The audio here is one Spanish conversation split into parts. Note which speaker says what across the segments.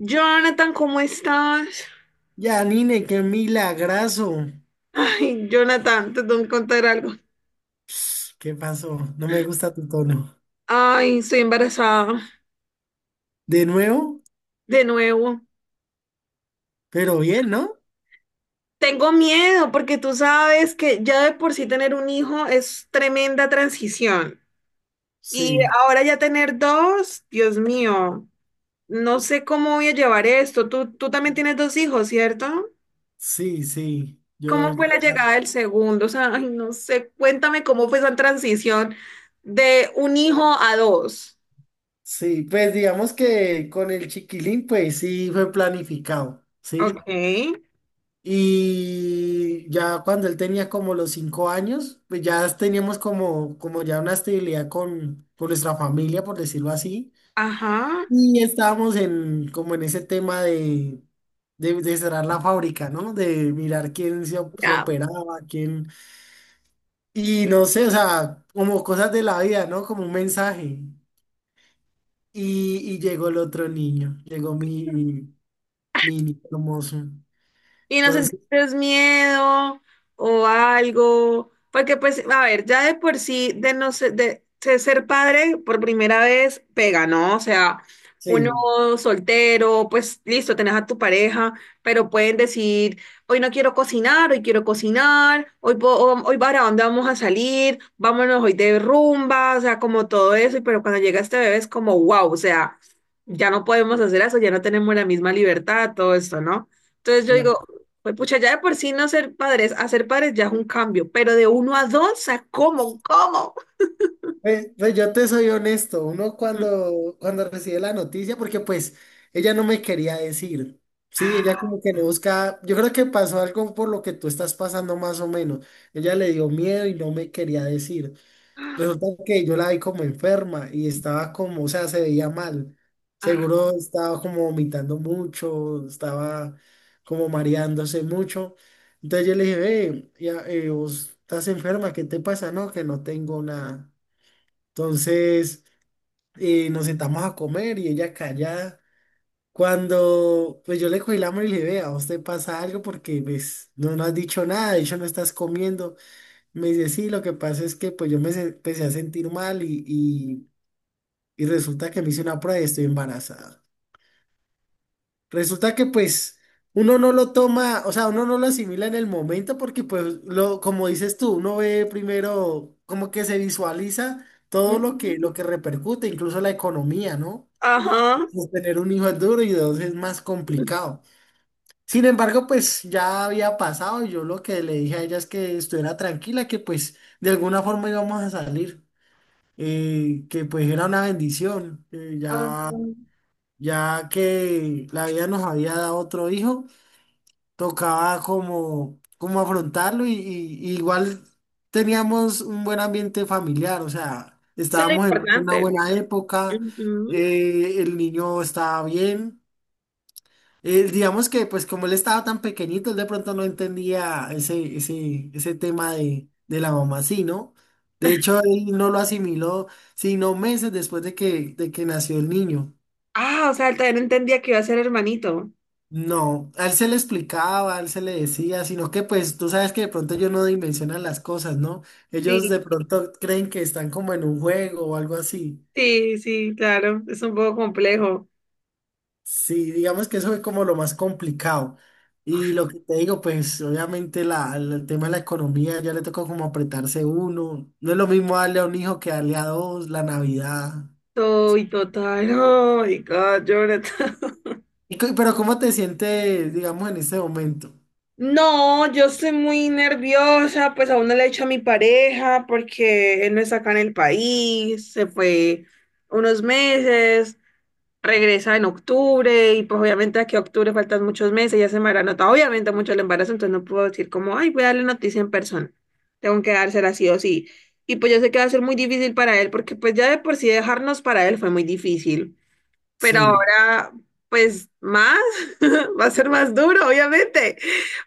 Speaker 1: Jonathan, ¿cómo estás?
Speaker 2: Yanine, qué milagrazo.
Speaker 1: Ay, Jonathan, te tengo que contar algo.
Speaker 2: Ps, ¿qué pasó? No me gusta tu tono.
Speaker 1: Ay, estoy embarazada
Speaker 2: De nuevo,
Speaker 1: de nuevo.
Speaker 2: pero bien, ¿no?
Speaker 1: Tengo miedo porque tú sabes que ya de por sí tener un hijo es tremenda transición. Y
Speaker 2: Sí,
Speaker 1: ahora ya tener dos, Dios mío, no sé cómo voy a llevar esto. Tú también tienes dos hijos, ¿cierto?
Speaker 2: sí, sí. Yo,
Speaker 1: ¿Cómo fue la llegada del segundo? O sea, ay, no sé, cuéntame cómo fue esa transición de un hijo a dos.
Speaker 2: sí, pues digamos que con el chiquilín, pues sí fue planificado,
Speaker 1: Ok.
Speaker 2: ¿sí? Y ya cuando él tenía como los 5 años, pues ya teníamos como, como ya una estabilidad con nuestra familia, por decirlo así.
Speaker 1: Ajá.
Speaker 2: Y estábamos en, como en ese tema de cerrar la fábrica, ¿no? De mirar quién se, se
Speaker 1: Ya,
Speaker 2: operaba, quién... Y no sé, o sea, como cosas de la vida, ¿no? Como un mensaje. Y llegó el otro niño, llegó mi niño hermoso.
Speaker 1: y no
Speaker 2: Entonces,
Speaker 1: sentiste miedo o algo, porque pues, a ver, ya de por sí, de no ser, de ser padre por primera vez, pega, ¿no? O sea, uno
Speaker 2: sí,
Speaker 1: soltero, pues listo, tenés a tu pareja, pero pueden decir, hoy no quiero cocinar, hoy quiero cocinar, hoy para dónde vamos a salir, vámonos hoy de rumba, o sea, como todo eso, y pero cuando llega este bebé es como, wow, o sea, ya no podemos hacer eso, ya no tenemos la misma libertad, todo esto, ¿no? Entonces yo digo, pues pucha, ya de por sí no ser padres, hacer padres ya es un cambio, pero de uno a dos, o sea, ¿cómo? ¿Cómo?
Speaker 2: pues, pues yo te soy honesto, uno
Speaker 1: Mm.
Speaker 2: cuando recibe la noticia, porque pues ella no me quería decir, sí, ella
Speaker 1: Ah,
Speaker 2: como que no busca, yo creo que pasó algo por lo que tú estás pasando más o menos, ella le dio miedo y no me quería decir, resulta que yo la vi como enferma y estaba como, o sea, se veía mal,
Speaker 1: ah,
Speaker 2: seguro estaba como vomitando mucho, estaba como mareándose mucho, entonces yo le dije, ve, ya, vos estás enferma, ¿qué te pasa? No, que no tengo nada. Entonces nos sentamos a comer y ella callada. Cuando pues yo le cogí la mano y le dije, vea, ¿a usted pasa algo? Porque pues no, no has dicho nada, de hecho no estás comiendo. Me dice, sí, lo que pasa es que pues yo empecé a sentir mal y resulta que me hice una prueba y estoy embarazada. Resulta que pues uno no lo toma, o sea, uno no lo asimila en el momento porque pues lo, como dices tú, uno ve primero como que se visualiza todo lo que, lo
Speaker 1: ujú,
Speaker 2: que repercute, incluso la economía, ¿no?
Speaker 1: ajá.
Speaker 2: Pues tener un hijo es duro y dos es más complicado. Sin embargo, pues ya había pasado y yo lo que le dije a ella es que estuviera tranquila, que pues de alguna forma íbamos a salir, que pues era una bendición, que
Speaker 1: Ah.
Speaker 2: ya, ya que la vida nos había dado otro hijo, tocaba como, como afrontarlo y igual teníamos un buen ambiente familiar, o sea,
Speaker 1: Eso es lo
Speaker 2: estábamos en una
Speaker 1: importante,
Speaker 2: buena
Speaker 1: ¿no?
Speaker 2: época,
Speaker 1: Ujú.
Speaker 2: el niño estaba bien. Digamos que, pues, como él estaba tan pequeñito, él de pronto no entendía ese tema de la mamá, sí, ¿no? De hecho, él no lo asimiló, sino meses después de que nació el niño.
Speaker 1: Ah, o sea, él también entendía que iba a ser hermanito.
Speaker 2: No, a él se le explicaba, a él se le decía, sino que, pues, tú sabes que de pronto ellos no dimensionan las cosas, ¿no? Ellos
Speaker 1: Sí.
Speaker 2: de pronto creen que están como en un juego o algo así.
Speaker 1: Sí, sí, claro, es un poco complejo.
Speaker 2: Sí, digamos que eso fue como lo más complicado. Y lo que te digo, pues obviamente la, el tema de la economía ya le tocó como apretarse uno. No es lo mismo darle a un hijo que darle a dos, la Navidad.
Speaker 1: Soy total. Oh my God, Jonathan.
Speaker 2: Y pero ¿cómo te sientes, digamos, en este momento?
Speaker 1: No, yo estoy muy nerviosa, pues aún no le he dicho a mi pareja porque él no está acá en el país, se fue unos meses, regresa en octubre y pues obviamente aquí a octubre faltan muchos meses, ya se me habrá notado obviamente mucho el embarazo, entonces no puedo decir como, ay, voy a darle noticia en persona, tengo que dársela sí o sí. Y pues yo sé que va a ser muy difícil para él porque pues ya de por sí dejarnos para él fue muy difícil, pero
Speaker 2: Sí,
Speaker 1: ahora, pues más, va a ser más duro, obviamente,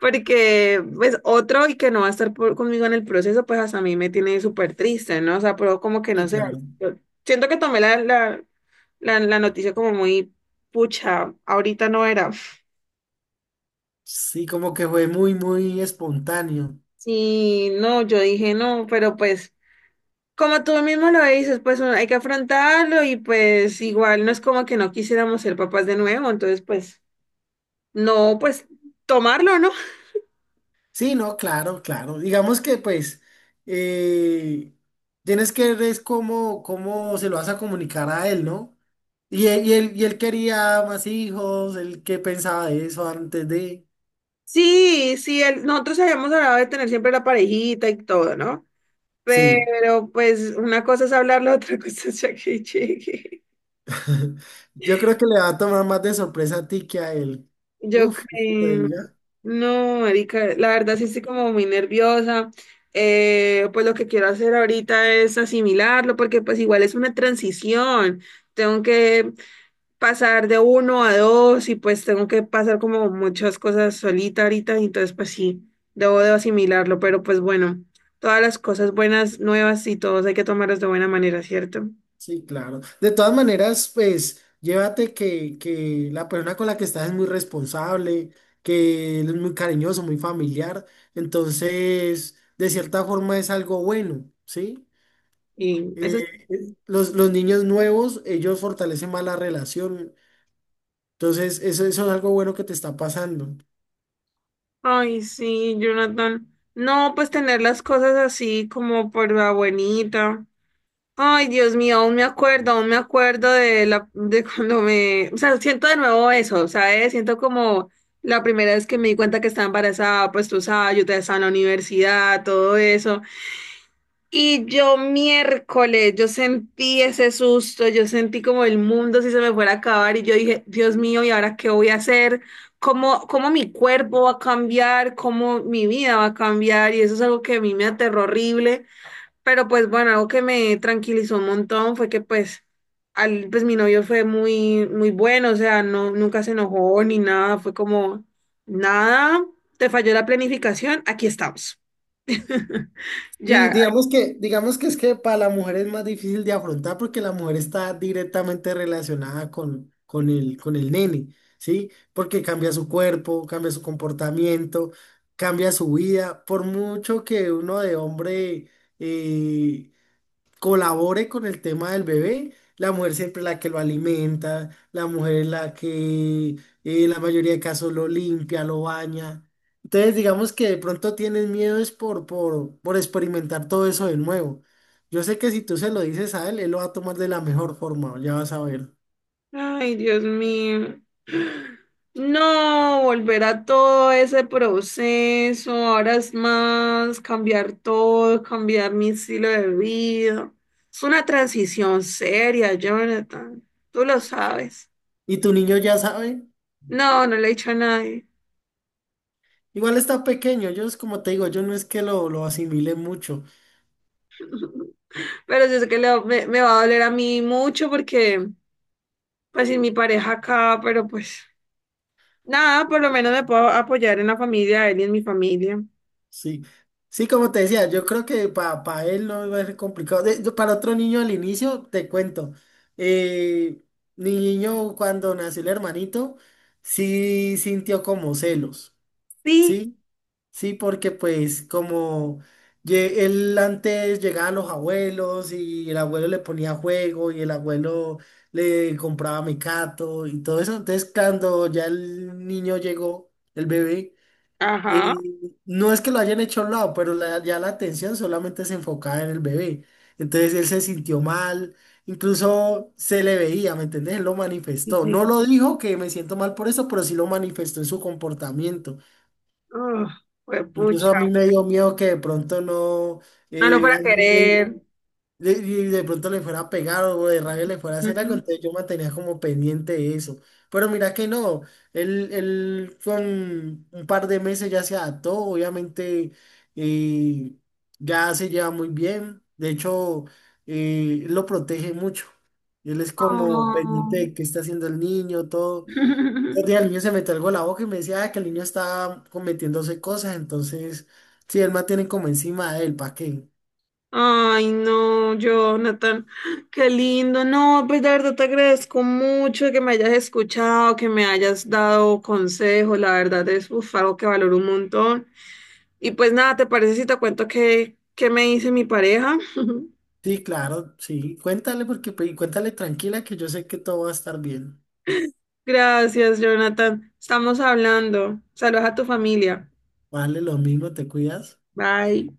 Speaker 1: porque pues otro y que no va a estar conmigo en el proceso, pues hasta a mí me tiene súper triste, ¿no? O sea, pero como que
Speaker 2: sí,
Speaker 1: no sé,
Speaker 2: claro.
Speaker 1: yo siento que tomé la noticia como muy pucha, ahorita no era.
Speaker 2: Sí, como que fue muy, muy espontáneo.
Speaker 1: Sí, no, yo dije no, pero pues como tú mismo lo dices, pues hay que afrontarlo y pues igual no es como que no quisiéramos ser papás de nuevo, entonces pues no, pues tomarlo, ¿no?
Speaker 2: Sí, no, claro, claro. Digamos que pues eh, tienes que ver es cómo, cómo se lo vas a comunicar a él, ¿no? Y él quería más hijos, él qué pensaba de eso antes de...
Speaker 1: Sí, sí, nosotros habíamos hablado de tener siempre la parejita y todo, ¿no?
Speaker 2: Sí,
Speaker 1: Pero pues una cosa es hablarlo, otra cosa es ya que llegue.
Speaker 2: yo creo que le va a tomar más de sorpresa a ti que a él.
Speaker 1: Yo
Speaker 2: Uf, ¿qué te
Speaker 1: creo,
Speaker 2: diga?
Speaker 1: no, Erika, la verdad sí estoy como muy nerviosa. Pues lo que quiero hacer ahorita es asimilarlo, porque pues igual es una transición. Tengo que pasar de uno a dos y pues tengo que pasar como muchas cosas solita ahorita, y entonces pues sí, debo de asimilarlo, pero pues bueno, todas las cosas buenas, nuevas y todos hay que tomarlas de buena manera, ¿cierto?
Speaker 2: Sí, claro. De todas maneras, pues, llévate que la persona con la que estás es muy responsable, que él es muy cariñoso, muy familiar. Entonces, de cierta forma es algo bueno, ¿sí?
Speaker 1: Y eso es...
Speaker 2: Los niños nuevos, ellos fortalecen más la relación. Entonces, eso es algo bueno que te está pasando.
Speaker 1: Ay, sí, Jonathan. No, pues tener las cosas así como por la buenita. Ay, Dios mío, aún me acuerdo de la de cuando me, o sea, siento de nuevo eso, ¿sabes? Siento como la primera vez que me di cuenta que estaba embarazada, pues tú sabes, yo todavía estaba en la universidad, todo eso. Y yo miércoles, yo sentí ese susto, yo sentí como el mundo si se me fuera a acabar y yo dije, Dios mío, ¿y ahora qué voy a hacer? ¿Cómo, cómo mi cuerpo va a cambiar? ¿Cómo mi vida va a cambiar? Y eso es algo que a mí me aterró horrible. Pero pues bueno, algo que me tranquilizó un montón fue que pues, al, pues mi novio fue muy, muy bueno, o sea, no, nunca se enojó ni nada, fue como, nada, te falló la planificación, aquí estamos.
Speaker 2: Y
Speaker 1: Ya,
Speaker 2: digamos que es que para la mujer es más difícil de afrontar porque la mujer está directamente relacionada con el nene, ¿sí? Porque cambia su cuerpo, cambia su comportamiento, cambia su vida. Por mucho que uno de hombre eh, colabore con el tema del bebé, la mujer siempre es la que lo alimenta, la mujer es la que en la mayoría de casos lo limpia, lo baña. Entonces, digamos que de pronto tienes miedo es por experimentar todo eso de nuevo. Yo sé que si tú se lo dices a él, él lo va a tomar de la mejor forma, ya vas a ver.
Speaker 1: ay, Dios mío. No, volver a todo ese proceso, ahora es más cambiar todo, cambiar mi estilo de vida. Es una transición seria, Jonathan, tú lo sabes.
Speaker 2: Y tu niño ya sabe,
Speaker 1: No, no le he dicho a nadie.
Speaker 2: igual está pequeño, ellos como te digo, yo no es que lo asimile mucho.
Speaker 1: Pero yo sé que me va a doler a mí mucho porque, pues, sin mi pareja acá, pero pues, nada, por lo menos me puedo apoyar en la familia de él y en mi familia.
Speaker 2: Sí, sí, como te decía, yo creo que para él no va a ser complicado. Para otro niño al inicio, te cuento, eh, mi niño cuando nació el hermanito, sí sintió como celos,
Speaker 1: Sí,
Speaker 2: ¿sí? Sí, porque pues como él antes llegaba a los abuelos y el abuelo le ponía juego y el abuelo le compraba mecato y todo eso, entonces cuando ya el niño llegó, el bebé,
Speaker 1: ajá.
Speaker 2: eh, no es que lo hayan hecho a un lado, pero ya la atención solamente se enfocaba en el bebé. Entonces él se sintió mal, incluso se le veía, ¿me entendés? Él lo
Speaker 1: Sí,
Speaker 2: manifestó.
Speaker 1: sí.
Speaker 2: No lo dijo que me siento mal por eso, pero sí lo manifestó en su comportamiento.
Speaker 1: Ugh, fue
Speaker 2: Incluso a
Speaker 1: pucha.
Speaker 2: mí me dio miedo que de pronto no
Speaker 1: No lo
Speaker 2: hubiera
Speaker 1: para querer.
Speaker 2: y de pronto le fuera a pegar o de rabia le fuera a hacer algo,
Speaker 1: Ujú.
Speaker 2: entonces yo mantenía como pendiente de eso. Pero mira que no, él con un par de meses ya se adaptó, obviamente eh, ya se lleva muy bien, de hecho él lo protege mucho. Él es como pendiente
Speaker 1: Oh.
Speaker 2: de qué está haciendo el niño, todo. Un día el niño se metió algo a la boca y me decía "Ah, que el niño estaba cometiéndose cosas", entonces sí, él mantiene como encima de él, ¿para qué?
Speaker 1: Ay, no, Jonathan, qué lindo. No, pues de verdad te agradezco mucho que me hayas escuchado, que me hayas dado consejos. La verdad es uf, algo que valoro un montón. Y pues nada, ¿te parece si te cuento qué me dice mi pareja?
Speaker 2: Sí, claro, sí. Cuéntale porque pues, y cuéntale tranquila que yo sé que todo va a estar bien.
Speaker 1: Gracias, Jonathan. Estamos hablando. Saludos a tu familia.
Speaker 2: Vale, lo mismo, te cuidas.
Speaker 1: Bye.